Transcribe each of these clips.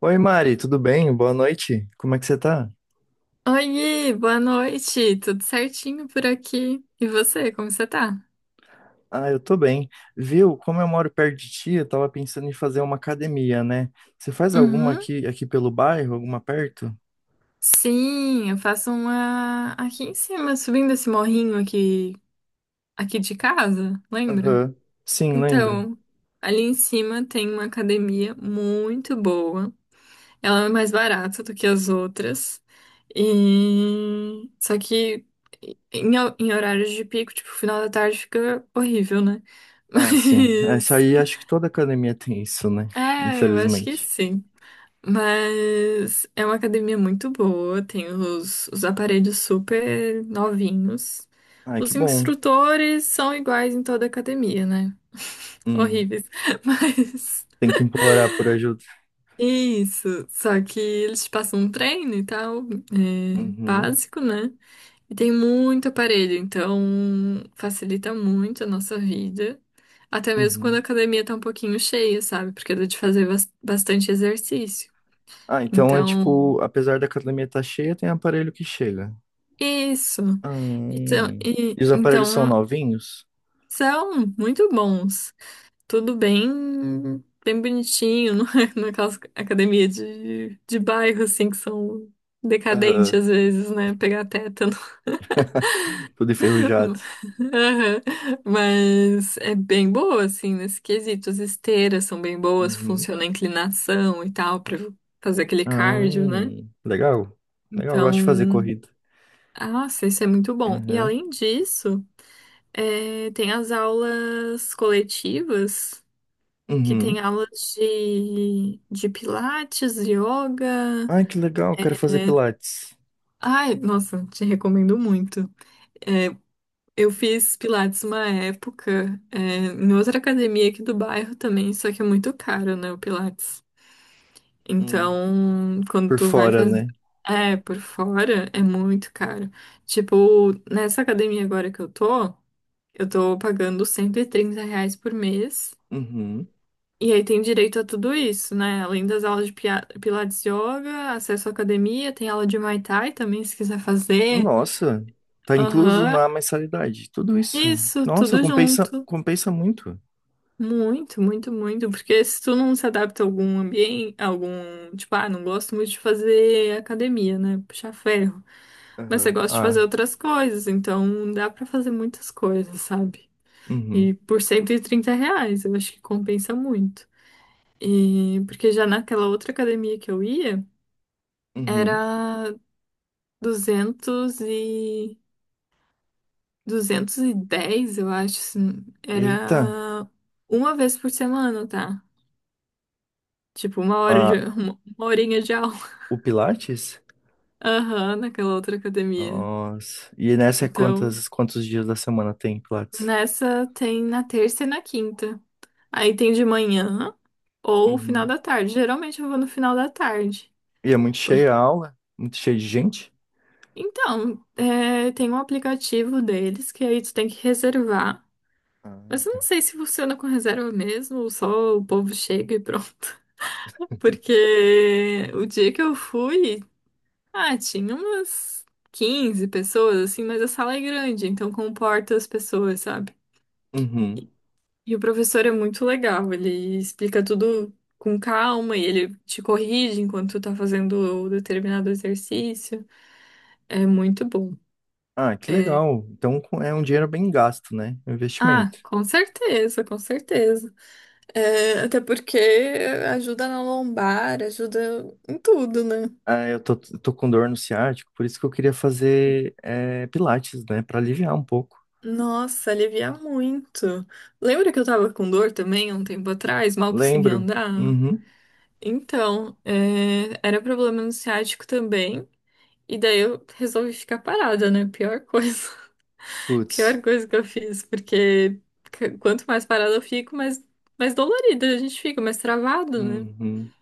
Oi, Mari, tudo bem? Boa noite. Como é que você tá? Oi, boa noite. Tudo certinho por aqui? E você, como você tá? Ah, eu tô bem. Viu? Como eu moro perto de ti, eu tava pensando em fazer uma academia, né? Você faz alguma Uhum. aqui pelo bairro, alguma perto? Sim, eu faço uma aqui em cima, subindo esse morrinho aqui, aqui de casa, lembra? Aham. Sim, lembro. Então, ali em cima tem uma academia muito boa. Ela é mais barata do que as outras. E só que em, em horários de pico, tipo, final da tarde fica horrível, né? Ah, sim. Essa Mas aí acho que toda academia tem isso, né? é, eu acho que Infelizmente. sim. Mas é uma academia muito boa, tem os aparelhos super novinhos. Ai, que Os bom. instrutores são iguais em toda a academia, né? Hum, Horríveis. Mas tem que implorar por ajuda. isso, só que eles te passam um treino e tal, é, Uhum, básico, né? E tem muito aparelho, então facilita muito a nossa vida. Até mesmo quando a uhum. academia tá um pouquinho cheia, sabe? Porque dá de fazer bastante exercício. Ah, então é Então, tipo, apesar da academia estar cheia, tem aparelho que chega. isso. Então, Hum. e- E os aparelhos são então, novinhos? são muito bons. Tudo bem, bem bonitinho, não é? Naquelas academia de bairro, assim, que são decadentes às vezes, né? Pegar tétano. Tudo enferrujado. Aham. Mas é bem boa, assim, nesse quesito. As esteiras são bem boas, Uhum. funciona a inclinação e tal, pra fazer aquele Ah, cardio, né? legal. Legal, eu gosto de fazer Então, corrida. ah, nossa, isso é muito bom. E Uhum. além disso. É, tem as aulas coletivas, que Uhum. tem aulas de pilates, yoga. Ai, que legal, quero fazer pilates. Ai, nossa, te recomendo muito. É, eu fiz pilates uma época, é, em outra academia aqui do bairro também, só que é muito caro, né, o pilates. Hum. Então, quando Por tu vai fora, fazer. né? É, por fora é muito caro. Tipo, nessa academia agora que eu tô pagando R$ 130 por mês. Uhum. E aí tem direito a tudo isso, né? Além das aulas de pilates yoga, acesso à academia, tem aula de Muay Thai também, se quiser fazer. Nossa, tá incluso Aham. na mensalidade, tudo isso. Isso, Nossa, tudo compensa, junto. compensa muito. Muito, muito, muito. Porque se tu não se adapta a algum ambiente, algum, tipo, ah, não gosto muito de fazer academia, né? Puxar ferro. Mas você Aham. gosta de fazer Ah, outras coisas, então dá pra fazer muitas coisas, sabe? uhum. E por R$ 130, eu acho que compensa muito. E porque já naquela outra academia que eu ia, era Uhum. 200 e... 210 eu acho, assim. Eita, Era uma vez por semana, tá? Tipo, ah, Uma horinha de aula. o pilates? Aham, naquela outra academia. Nossa, e nessa é Então, quantos dias da semana tem pilates? nessa tem na terça e na quinta. Aí tem de manhã ou final Uhum. da tarde. Geralmente eu vou no final da tarde. E é muito Por- cheia a aula, muito cheia de gente? Então, é, tem um aplicativo deles que aí tu tem que reservar. Ah, Mas eu não tá. sei se funciona com reserva mesmo, ou só o povo chega e pronto. Porque o dia que eu fui, ah, tinha umas 15 pessoas, assim, mas a sala é grande, então comporta as pessoas, sabe? Uhum. E o professor é muito legal, ele explica tudo com calma e ele te corrige enquanto tu tá fazendo o determinado exercício. É muito bom. Ah, que É. legal. Então é um dinheiro bem gasto, né? É um Ah, investimento. com certeza, com certeza. É, até porque ajuda na lombar, ajuda em tudo, né? Ah, tô com dor no ciático, por isso que eu queria fazer pilates, né? Pra aliviar um pouco. Nossa, alivia muito. Lembra que eu tava com dor também há um tempo atrás, mal conseguia Lembro. andar? Uhum. Então, é, era problema no ciático também. E daí eu resolvi ficar parada, né? Pior coisa. Putz. Pior coisa que eu fiz, porque quanto mais parada eu fico, mais dolorida a gente fica, mais travado, né? Uhum.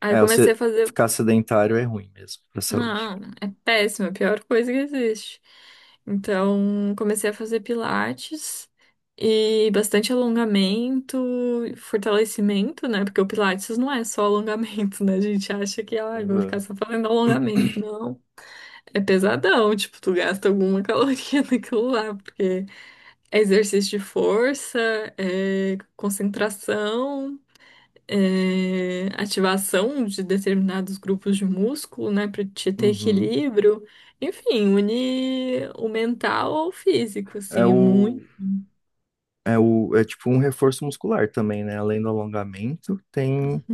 Aí eu É, comecei a você fazer. ficar sedentário é ruim mesmo pra saúde. Não, é péssimo, é a pior coisa que existe. Então, comecei a fazer pilates e bastante alongamento, fortalecimento, né? Porque o pilates não é só alongamento, né? A gente acha que, ah, eu vou Uhum. ficar só fazendo alongamento. Não. É pesadão, tipo, tu gasta alguma caloria naquilo lá, porque é exercício de força, é concentração, é ativação de determinados grupos de músculo, né, para te ter Uhum. equilíbrio. Enfim, une o mental ao físico, É assim, é o, muito. É tipo um reforço muscular também, né? Além do alongamento, tem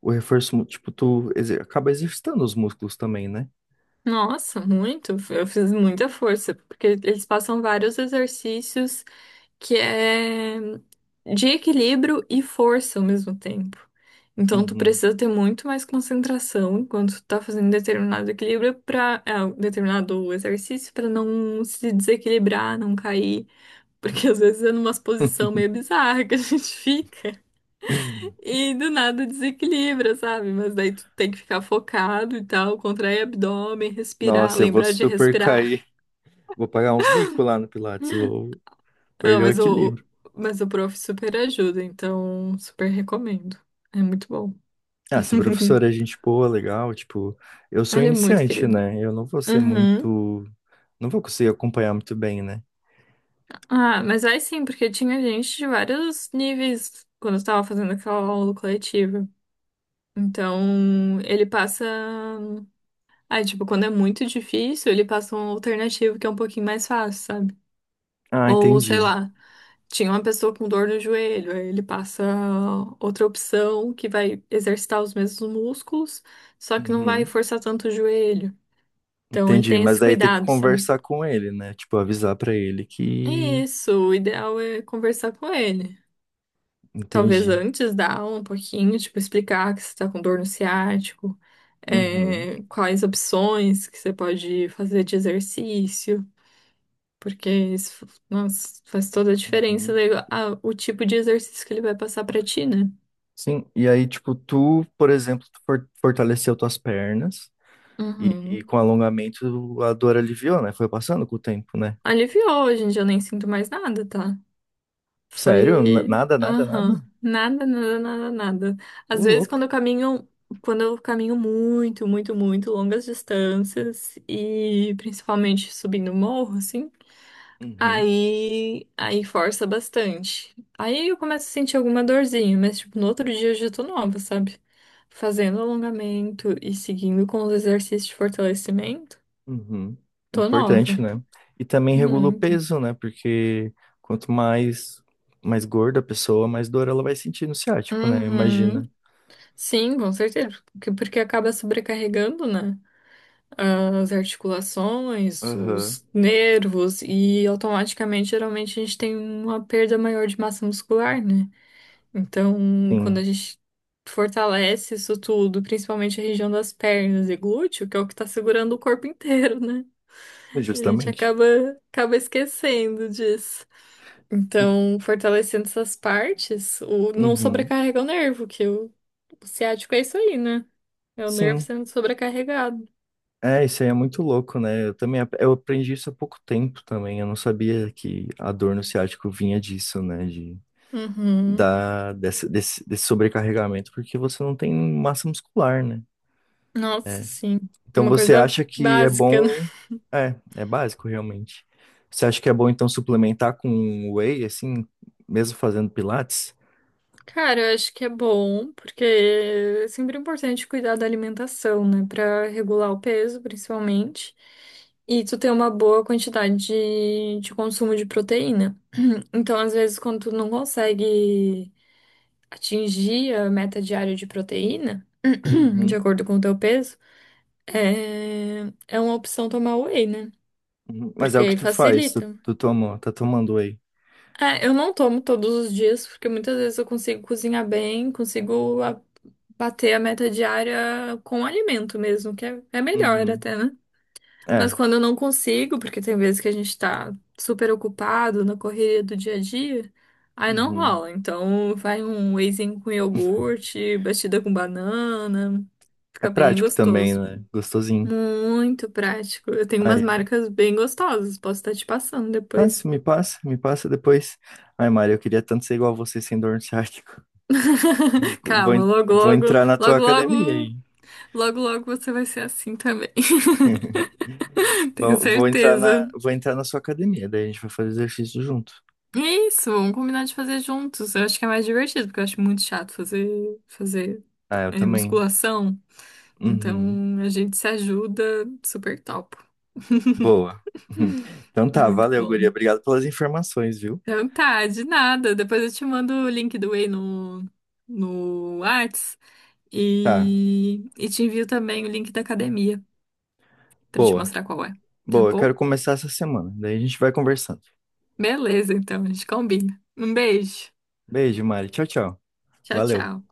o reforço, tipo, acaba exercitando os músculos também, né? Nossa, muito. Eu fiz muita força, porque eles passam vários exercícios que é de equilíbrio e força ao mesmo tempo. Então, tu Uhum. precisa ter muito mais concentração enquanto tu tá fazendo determinado equilíbrio para determinado exercício para não se desequilibrar, não cair. Porque às vezes é numa posição meio bizarra que a gente fica e do nada desequilibra, sabe? Mas daí tu tem que ficar focado e tal, contrair abdômen, respirar, Nossa, eu vou lembrar de super respirar. cair. Vou pagar uns mico lá no Pilates, eu vou Não, perder o equilíbrio. mas o prof super ajuda, então super recomendo. É muito bom. Ah, se a professora é gente boa, legal, tipo, eu sou Ele é muito iniciante, querido. né? Eu não vou ser Uhum. muito. Não vou conseguir acompanhar muito bem, né? Ah, mas vai sim, porque tinha gente de vários níveis quando eu tava fazendo aquela aula coletiva. Então, ele passa. Aí, tipo, quando é muito difícil, ele passa um alternativo que é um pouquinho mais fácil, sabe? Ah, Ou, sei entendi. lá, tinha uma pessoa com dor no joelho, aí ele passa outra opção que vai exercitar os mesmos músculos, só que não vai Uhum. forçar tanto o joelho. Então, ele Entendi, tem mas esse daí tem que cuidado, sabe? conversar com ele, né? Tipo, avisar pra ele que. Isso, o ideal é conversar com ele. Talvez Entendi. antes da aula, um pouquinho, tipo, explicar que você tá com dor no ciático, Uhum. é, quais opções que você pode fazer de exercício. Porque isso, nossa, faz toda a diferença Uhum. daí o tipo de exercício que ele vai passar pra ti, né? Sim, e aí, tipo, tu, por exemplo, fortaleceu tuas pernas e Uhum. com alongamento a dor aliviou, né? Foi passando com o tempo, né? Aliviou, hoje em dia eu nem sinto mais nada, tá? Sério? Foi. Nada, nada, nada? Aham. Nada, nada, nada, nada. Ô, Às vezes louco. Quando eu caminho muito, muito, muito longas distâncias e principalmente subindo morro, assim. Uhum, Aí força bastante. Aí eu começo a sentir alguma dorzinha, mas tipo, no outro dia eu já tô nova, sabe? Fazendo alongamento e seguindo com os exercícios de fortalecimento, uhum. tô Importante, nova. né? E também regula o Muito. peso, né? Porque quanto mais gorda a pessoa, mais dor ela vai sentir no ciático, né? Imagina. Uhum. Sim, com certeza. Porque acaba sobrecarregando, né? As articulações, Aham. os nervos, e automaticamente, geralmente, a gente tem uma perda maior de massa muscular, né? Então, Sim, quando a gente fortalece isso tudo, principalmente a região das pernas e glúteo, que é o que tá segurando o corpo inteiro, né? E a gente justamente. acaba esquecendo disso. Então, fortalecendo essas partes, não Uhum. sobrecarrega o nervo, que o ciático é isso aí, né? É o nervo Sim. sendo sobrecarregado. É, isso aí é muito louco, né? Eu também eu aprendi isso há pouco tempo também. Eu não sabia que a dor no ciático vinha disso, né? De, Uhum. Desse sobrecarregamento, porque você não tem massa muscular, né? Nossa, sim. É Então uma você coisa acha que é básica, bom. É, é básico realmente. Você acha que é bom então suplementar com whey, assim, mesmo fazendo pilates? Cara, eu acho que é bom, porque é sempre importante cuidar da alimentação, né? Pra regular o peso, principalmente. E tu ter uma boa quantidade de consumo de proteína. Então, às vezes, quando tu não consegue atingir a meta diária de proteína, de Uhum, acordo com o teu peso, é, é uma opção tomar whey, né? uhum. Mas é Porque o que aí tu faz, tu, facilita. tu toma, tá tomando whey. É, eu não tomo todos os dias, porque muitas vezes eu consigo cozinhar bem, consigo bater a meta diária com alimento mesmo, que é melhor Uhum. até, né? Mas É. quando eu não consigo, porque tem vezes que a gente tá super ocupado na correria do dia a dia, aí não Uhum. rola. Então vai um wheyzinho com iogurte, batida com banana, É fica bem prático também, gostoso. né? Gostosinho. Muito prático. Eu tenho umas Aí. marcas bem gostosas, posso estar te passando Ah, se depois. me passa, me passa depois. Ai, Mário, eu queria tanto ser igual a você sem dor no ciático. Vou, Calma, logo, vou logo, entrar na tua logo, academia aí. logo, logo, logo você vai ser assim também. Tenho certeza. Vou entrar na sua academia, daí a gente vai fazer exercício junto. E é isso, vamos combinar de fazer juntos. Eu acho que é mais divertido, porque eu acho muito chato fazer Ah, eu também. musculação. Uhum. Então a gente se ajuda, super top. Boa. Uhum. Então tá, Muito valeu, guria. bom. Obrigado pelas informações, viu? Então tá, de nada. Depois eu te mando o link do Whey no Whats Tá, e te envio também o link da academia, pra te boa. mostrar qual é, tá Boa, eu quero bom? começar essa semana. Daí a gente vai conversando. Beleza, então, a gente combina. Um beijo. Beijo, Mari. Tchau, tchau. Tchau, Valeu. tchau.